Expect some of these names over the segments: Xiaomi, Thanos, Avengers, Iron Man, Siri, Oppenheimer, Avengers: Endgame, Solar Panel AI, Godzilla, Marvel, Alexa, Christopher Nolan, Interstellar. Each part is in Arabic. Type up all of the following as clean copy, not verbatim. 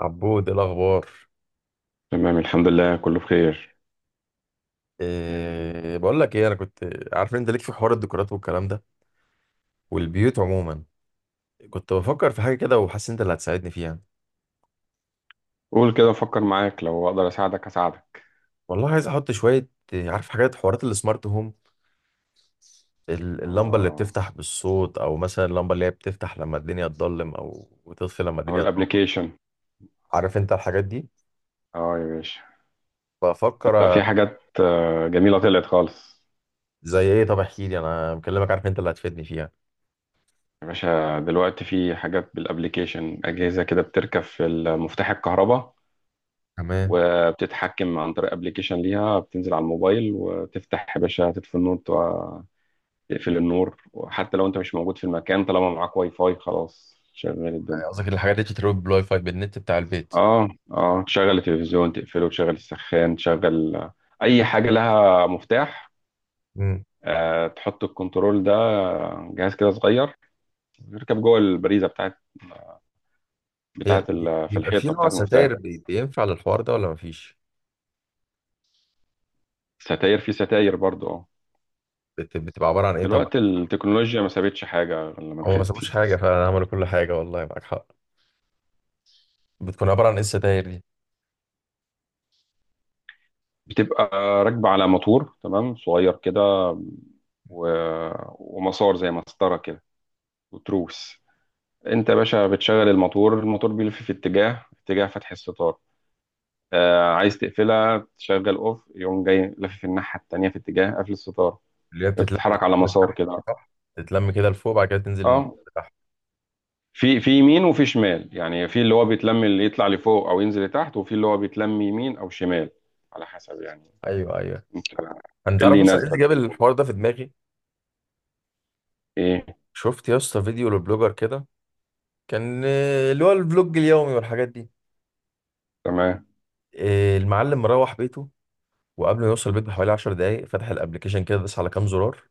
عبود، إيه الاخبار؟ تمام، الحمد لله كله بخير. يعني. إيه بقول لك ايه، انا كنت عارف إن انت ليك في حوار الديكورات والكلام ده والبيوت عموما. كنت بفكر في حاجه كده وحاسس إن انت اللي هتساعدني فيها. قول كده افكر معاك، لو اقدر اساعدك. والله عايز احط شويه عارف حاجات حوارات السمارت هوم. اللمبه اللي اه، بتفتح بالصوت او مثلا اللمبه اللي هي بتفتح لما الدنيا تضلم او وتطفي لما او الدنيا تنور. الابليكيشن. عارف انت الحاجات دي. اه يا باشا. ده بفكر في حاجات جميله طلعت خالص. زي ايه؟ طب احكي لي، انا مكلمك عارف انت اللي هتفيدني فيها. يا باشا دلوقتي في حاجات بالابليكيشن، اجهزه كده بتركب في مفتاح الكهرباء، تمام. وبتتحكم عن طريق ابليكيشن ليها بتنزل على الموبايل، وتفتح يا باشا تطفي النور وتقفل النور. وحتى لو انت مش موجود في المكان، طالما معاك واي فاي خلاص شغال يعني الدنيا. قصدك الحاجات دي تتروج بالواي فاي بالنت بتاع البيت؟ اه، اه، تشغل التلفزيون تقفله، تشغل السخان، تشغل اي حاجه لها مفتاح. تحط الكنترول ده، جهاز كده صغير يركب جوه البريزه بتاعت هي بتاعت ال- في بيبقى في الحيطه نوع بتاعت المفتاح. ستاير بينفع للحوار ده ولا مفيش؟ ستاير، في ستاير برضو اه. بتبقى عبارة عن ايه طبعا؟ دلوقتي التكنولوجيا ما سابتش حاجه غير لما هو ما دخلت سابوش فيها. حاجة فعلا، عملوا كل حاجة والله معاك حق. بتكون عبارة عن ايه الستاير دي؟ بتبقى راكبه على موتور تمام صغير كده، و... ومسار زي مسطره كده، وتروس. انت يا باشا بتشغل الموتور، الموتور بيلف في اتجاه فتح الستار. عايز تقفلها تشغل اوف، يقوم جاي لافف الناحيه التانيه في اتجاه قفل الستاره. اللي هي بتتلم من بتتحرك على فوق مسار لتحت، كده. صح؟ تتلم كده لفوق بعد كده تنزل من اه، فوق لتحت. في يمين وفي شمال، يعني في اللي هو بيتلم اللي يطلع لفوق او ينزل لتحت، وفي اللي هو بيتلم يمين او شمال، على حسب يعني. ايوه ايوه. انت إيه انت اللي عارف اصلا ايه اللي يناسبك جاب في الاوضه؟ الحوار ده في دماغي؟ ايه؟ شفت يا اسطى فيديو لبلوجر كده. كان اللي هو الفلوج اليومي والحاجات دي. تمام، المعلم مروح بيته، وقبل ما يوصل البيت بحوالي 10 دقايق فتح الابلكيشن كده داس على كام زرار.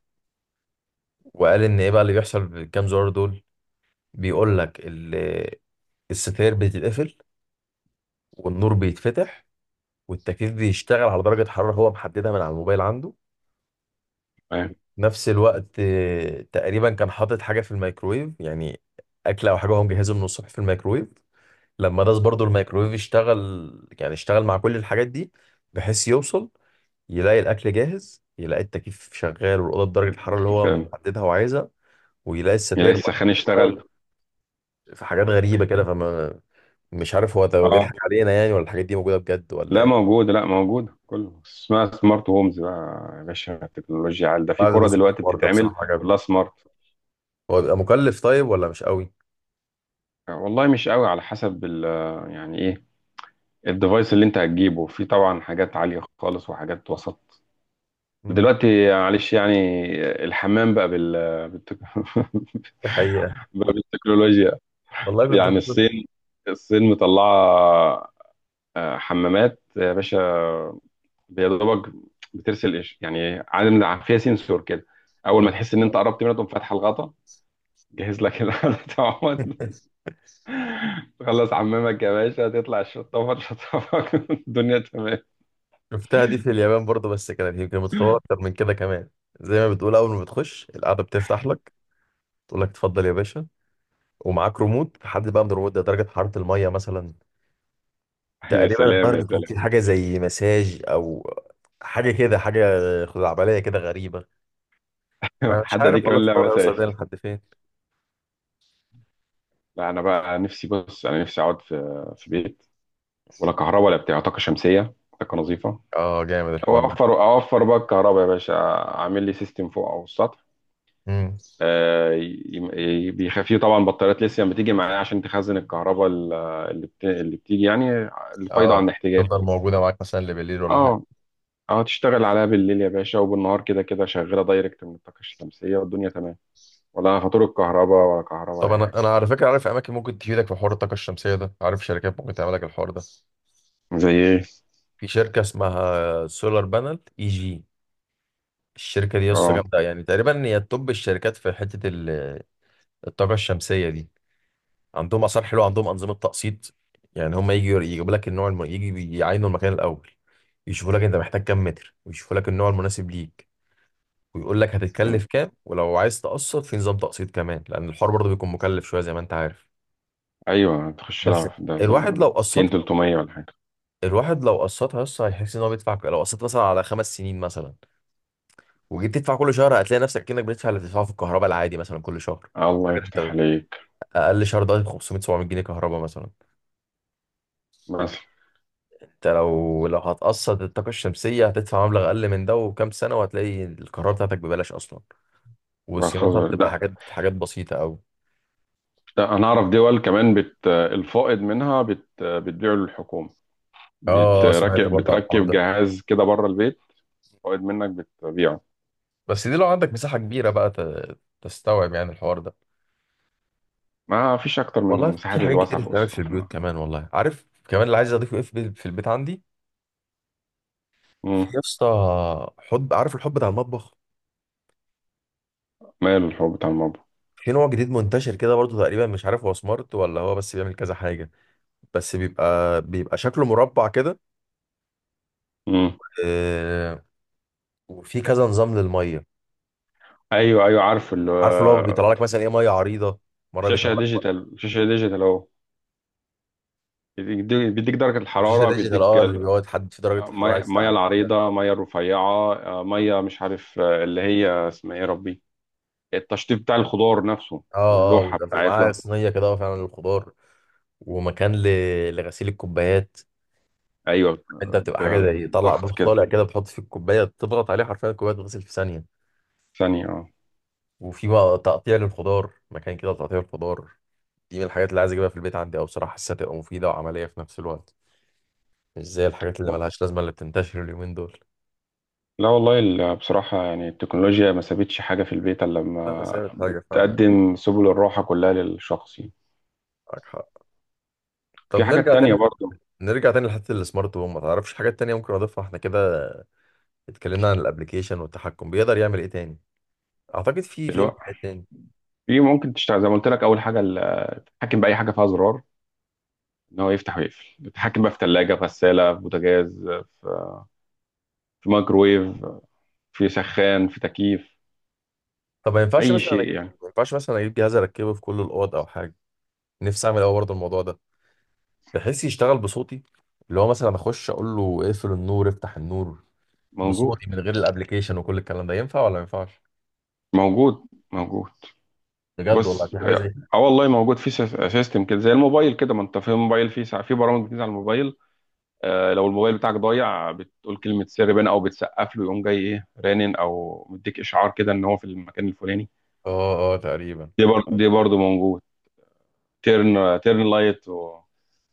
وقال ان ايه بقى اللي بيحصل بالكام زرار دول. بيقول لك الستاير بتتقفل، والنور بيتفتح، والتكييف بيشتغل على درجة حرارة هو محددها من على الموبايل عنده. تمام، نفس الوقت تقريبا كان حاطط حاجة في الميكرويف، يعني أكلة أو حاجة هو مجهزه من الصبح في الميكرويف. لما داس برضو الميكرويف اشتغل، يعني اشتغل مع كل الحاجات دي، بحيث يوصل يلاقي الأكل جاهز، يلاقي التكييف شغال والأوضة بدرجة الحرارة اللي هو تمام. محددها وعايزها، ويلاقي يلاقي الستاير بقى. السخان اشتغل. في حاجات غريبة كده، فما مش عارف هو ده، هو اه، بيضحك علينا يعني ولا الحاجات دي موجوده بجد ولا لا ايه؟ موجود، لا موجود. كله اسمها سمارت هومز بقى يا باشا. التكنولوجيا عال، ده في بعد كرة نص دلوقتي الحوار ده بتتعمل بصراحه عجبني. كلها سمارت. هو بيبقى مكلف طيب ولا مش قوي؟ والله مش قوي، على حسب يعني ايه الديفايس اللي انت هتجيبه. في طبعا حاجات عالية خالص وحاجات وسط. امم. دلوقتي معلش يعني. الحمام بقى بالتك... دي حقيقه. بقى بالتكنولوجيا والله كنت يعني. الصين مطلعة حمامات يا باشا. يا دوبك بترسل يعني عالم، فيها سنسور كده، اول ما آه. تحس ان انت قربت منها تقوم فاتحه الغطا. جهز لك الغطا تخلص عمامك يا باشا، تطلع الشطافة تشطفك الدنيا تمام. شفتها دي في اليابان برضه، بس كانت يمكن متطوره اكتر من كده كمان. زي ما بتقول، اول ما بتخش القعده بتفتح لك، تقول لك اتفضل يا باشا. ومعاك ريموت، حد بقى من الريموت ده درجه حراره الميه مثلا. يا تقريبا سلام، يا النهارده كان سلام. في حاجه زي مساج او حاجه كده، حاجه خزعبليه كده غريبه. انا مش حتى دي عارف والله كمان، لا الفطار هيوصل مساج. بينا لحد فين. لا، انا بقى نفسي، بص انا نفسي اقعد في بيت ولا كهرباء، ولا بتاع طاقة شمسية، طاقة نظيفة. اه، جامد او الحوار ده. اوفر بقى الكهرباء يا باشا، اعمل لي سيستم فوق او السطح. امم. آه، ي- بيخفيه طبعا بطاريات ليثيوم بتيجي معايا عشان تخزن الكهرباء اللي بتيجي يعني الفايضة عن اه، الاحتياجات. تفضل موجوده معاك مثلا لبالليل ولا حاجه؟ اه، اه، تشتغل عليها بالليل يا باشا، وبالنهار كده كده شغاله دايركت من الطاقه الشمسيه والدنيا تمام. ولا خطور الكهرباء، ولا كهرباء، طب ولا اي حاجه. انا على فكره عارف اماكن ممكن تفيدك في حوار الطاقه الشمسيه ده، عارف شركات ممكن تعمل لك الحوار ده. زي ايه؟ في شركه اسمها سولار بانل اي جي. الشركه دي لسه اه، جامده يعني، تقريبا هي توب الشركات في حته الطاقه الشمسيه دي. عندهم اثار حلوه، عندهم انظمه تقسيط. يعني هم يجوا يجيبوا لك النوع يجي يعينوا المكان الاول، يشوفوا لك انت محتاج كام متر ويشوفوا لك النوع المناسب ليك، ويقول لك تمام. هتتكلف كام، ولو عايز تقسط في نظام تقسيط كمان، لان الحوار برضه بيكون مكلف شويه زي ما انت عارف. ايوه، تخش لها بس في ده ال الواحد لو 200 قسطها 300 ولا حاجه. الواحد لو قسطها يس هيحس ان هو بيدفع. لو قسطت مثلا على 5 سنين مثلا، وجيت تدفع كل شهر هتلاقي نفسك كأنك بتدفع اللي بتدفعه في الكهرباء العادي مثلا كل شهر. الله حاجه يفتح انت، عليك. اقل شهر ده 500 700 جنيه كهرباء مثلا. بس. انت لو هتقسط الطاقه الشمسيه هتدفع مبلغ اقل من ده، وكام سنه وهتلاقي الكهرباء بتاعتك ببلاش اصلا. بقى وصيانتها خلاص. بتبقى لا، حاجات حاجات بسيطه قوي. ده انا اعرف دول كمان الفائض منها بتبيعه للحكومه. اه، سمعت بتركب برضه عن الحوار بتركب ده. جهاز كده بره البيت. فائض منك بتبيعه. بس دي لو عندك مساحة كبيرة بقى تستوعب يعني الحوار ده. ما فيش اكتر من والله في المساحات حاجات كتير الواسعه فوق تستوعب في السطح البيوت منها. كمان، والله عارف كمان اللي عايز اضيفه ايه في في البيت عندي. في مم. يا اسطى حب، عارف الحب بتاع المطبخ؟ ماله الحب بتاع المربى. في نوع جديد منتشر كده برضه، تقريبا مش عارف هو سمارت ولا هو بس بيعمل كذا حاجة. بس بيبقى شكله مربع كده آه، وفي كذا نظام للمية. ايوه ايوه، عارف عارف اللي هو بيطلع لك مثلا ايه، ميه عريضة مرة بيطلع شاشه لك، ديجيتال، شاشه ديجيتال اهو. بيديك درجه وشاشة الحراره، ديجيتال، بيديك اه اللي بيقعد تحدد في درجة الحرارة ميه، عايز مية تعلى. العريضه، ميه الرفيعه، ميه مش عارف، اللي هي اسمها ايه يا ربي. التشطيب بتاع الخضار نفسه، اه اه، واللوحه وكان في معاه بتاعتها. صينيه كده فعلا للخضار، ومكان لغسيل الكوبايات. ايوه انت بتبقى حاجه زي طلع بضغط بوت كده طالع كده، بتحط فيه الكوبايه، تضغط عليه حرفيا الكوبايه تتغسل في ثانيه. ثانيه اه. وفي بقى تقطيع للخضار مكان كده تقطيع الخضار. دي من الحاجات اللي عايز اجيبها في البيت عندي، او بصراحه حاسسها تبقى مفيده وعمليه في نفس الوقت، مش زي الحاجات اللي ملهاش لازمه اللي بتنتشر اليومين دول. لا والله بصراحة يعني التكنولوجيا ما سابتش حاجة في البيت إلا لا، بس لما هي حاجه فعلا، بتقدم سبل الراحة كلها للشخص يعني. معاك حق. طب في حاجات نرجع تانية تاني، برضه. نرجع تاني لحته السمارت هوم. ما تعرفش حاجات تانية ممكن اضيفها احنا كده؟ اتكلمنا عن الابليكيشن والتحكم، بيقدر يعمل ايه تاني؟ اعتقد في دلوقتي امكانيات تاني. في ممكن تشتغل زي ما قلت لك أول حاجة، اتحكم باي حاجه فيها زرار، ان هو يفتح ويقفل. اتحكم بقى في ثلاجه، في غساله، في بوتاجاز، في في مايكرويف، في سخان، في تكييف. طب اي شيء يعني. ما ينفعش مثلا اجيب جهاز اركبه في كل الاوض او حاجه؟ نفسي اعمل قوي برضه الموضوع ده، بحيث يشتغل بصوتي، اللي هو مثلا اخش اقول له اقفل النور افتح النور موجود، بصوتي من غير الابليكيشن وكل الكلام ده، ينفع ولا ما ينفعش؟ موجود، موجود. بجد والله، بص في حاجه اه، زي كده؟ والله موجود في سيستم كده زي الموبايل كده. ما انت في الموبايل في ساعة، في برامج بتنزل على الموبايل. آه، لو الموبايل بتاعك ضايع بتقول كلمة سر بين او بتسقف له يقوم جاي ايه رنن، او مديك اشعار كده ان هو في المكان الفلاني. اه اه، تقريبا. دي برضه، دي برضه موجود. تيرن لايت، و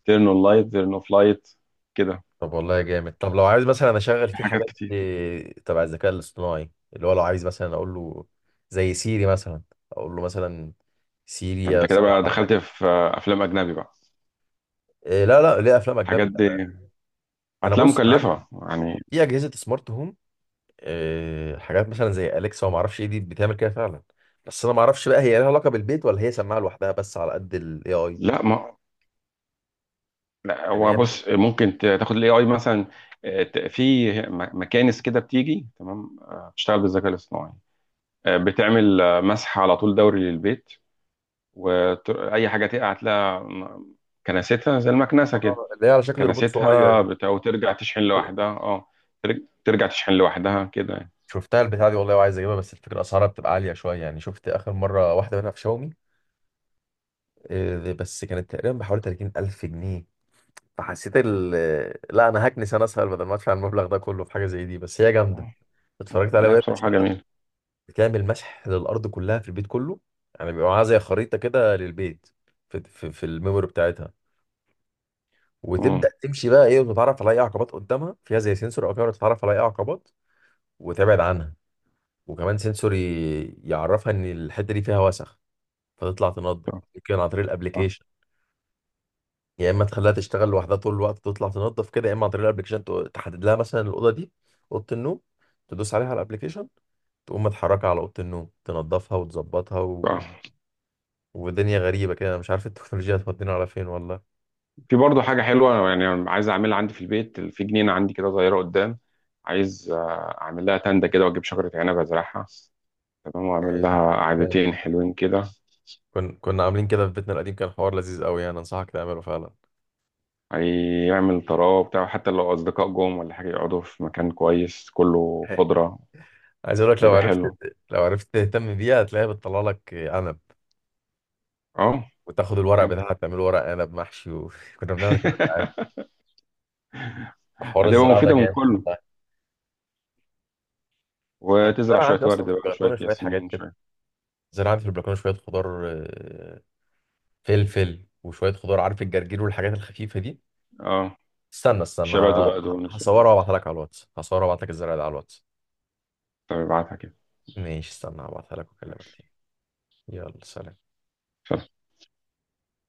تيرن اون لايت، تيرن اوف لايت، كده. طب والله جامد. طب لو عايز مثلا اشغل في فيه حاجات حاجات كتير. تبع الذكاء الاصطناعي، اللي هو لو عايز مثلا اقول له زي سيري مثلا، اقول له مثلا سيري فانت كده اسال بقى على دخلت حاجه. في افلام اجنبي بقى. إيه؟ لا لا، ليه افلام الحاجات اجنبي انا؟ دي أنا هتلاقيها بص، انا عندي مكلفه يعني. في اجهزه سمارت هوم حاجات مثلا زي اليكسا وما اعرفش ايه، دي بتعمل كده فعلا. بس انا ما اعرفش بقى هي لها علاقه بالبيت، ولا هي سماعه لوحدها بس على قد الاي اي. لا، ما، لا يعني هو هي بص، ممكن تاخد الاي اي مثلا. في مكانس كده بتيجي تمام، بتشتغل بالذكاء الاصطناعي. بتعمل مسح على طول دوري للبيت. واي حاجه تقع هتلاقيها كنستها زي المكنسه كده. اللي هي على شكل روبوت صغير كنستها دي. بتاع، وترجع تشحن لوحدها اه. ترجع تشحن لوحدها كده يعني. شفتها البتاع دي والله، وعايز اجيبها، بس الفكره اسعارها بتبقى عاليه شويه. يعني شفت اخر مره واحده منها في شاومي، بس كانت تقريبا بحوالي 30000 جنيه. فحسيت لا، انا هكنس انا اسهل بدل ما ادفع المبلغ ده كله في حاجه زي دي، بس هي جامده. آه. آه. اتفرجت عليها لا وهي بصراحة جميل. بتعمل مسح للأرض كلها في البيت كله. يعني بيبقى معاها زي خريطة كده للبيت، في الميموري بتاعتها. وتبدأ مم. تمشي بقى إيه، وتتعرف على أي عقبات قدامها، فيها زي سنسور أو كاميرا تتعرف على أي عقبات وتبعد عنها. وكمان سنسور يعرفها إن الحتة دي فيها وسخ فتطلع تنظف، آه، يمكن عن طريق آه، الأبليكيشن. يا إما تخليها تشتغل لوحدها طول الوقت تطلع تنظف كده، يا إما عن طريق الأبليكيشن تحدد لها مثلا الأوضة دي، أوضة النوم، تدوس عليها على الأبليكيشن تقوم متحركة على أوضة النوم تنظفها وتظبطها. آه. ودنيا غريبة كده، أنا مش عارف التكنولوجيا هتودينا على فين والله. في برضه حاجة حلوة يعني عايز أعملها عندي في البيت. في جنينة عندي كده صغيرة قدام، عايز أعمل لها تندة كده، وأجيب شجرة عنب أزرعها. تمام، وأعمل يعني لها يعني قعدتين حلوين كده. كنا عاملين كده في بيتنا القديم، كان حوار لذيذ قوي يعني، أنصحك تعمله فعلا. هيعمل طراوه بتاع، حتى لو أصدقاء جم ولا حاجة يقعدوا في مكان كويس كله خضرة. عايز أقول لك، لو هيبقى عرفت، حلو لو عرفت تهتم بيها هتلاقيها بتطلع لك عنب، اه وتاخد الورق يعني. بتاعها تعمله ورق عنب محشي، وكنا بنعمل كده ساعات. حوار هتبقى الزراعة ده مفيدة من جامد كله. والله. أنا وتزرع الزرع شوية عندي ورد أصلا في بقى، شوية البلكونة شوية حاجات ياسمين، كده، شوية. زرع عندي في البلكونة شوية خضار فلفل وشوية خضار، عارف الجرجير والحاجات الخفيفة دي. اه، استنى استنى الشبات وبقدونس والحاجات هصورها دي. وابعتها لك على الواتس. هصورها وابعتها لك الزرع ده على الواتس. طب ابعتها كده. ماشي، استنى هبعتها لك واكلمك ماشي. تاني. يلا سلام.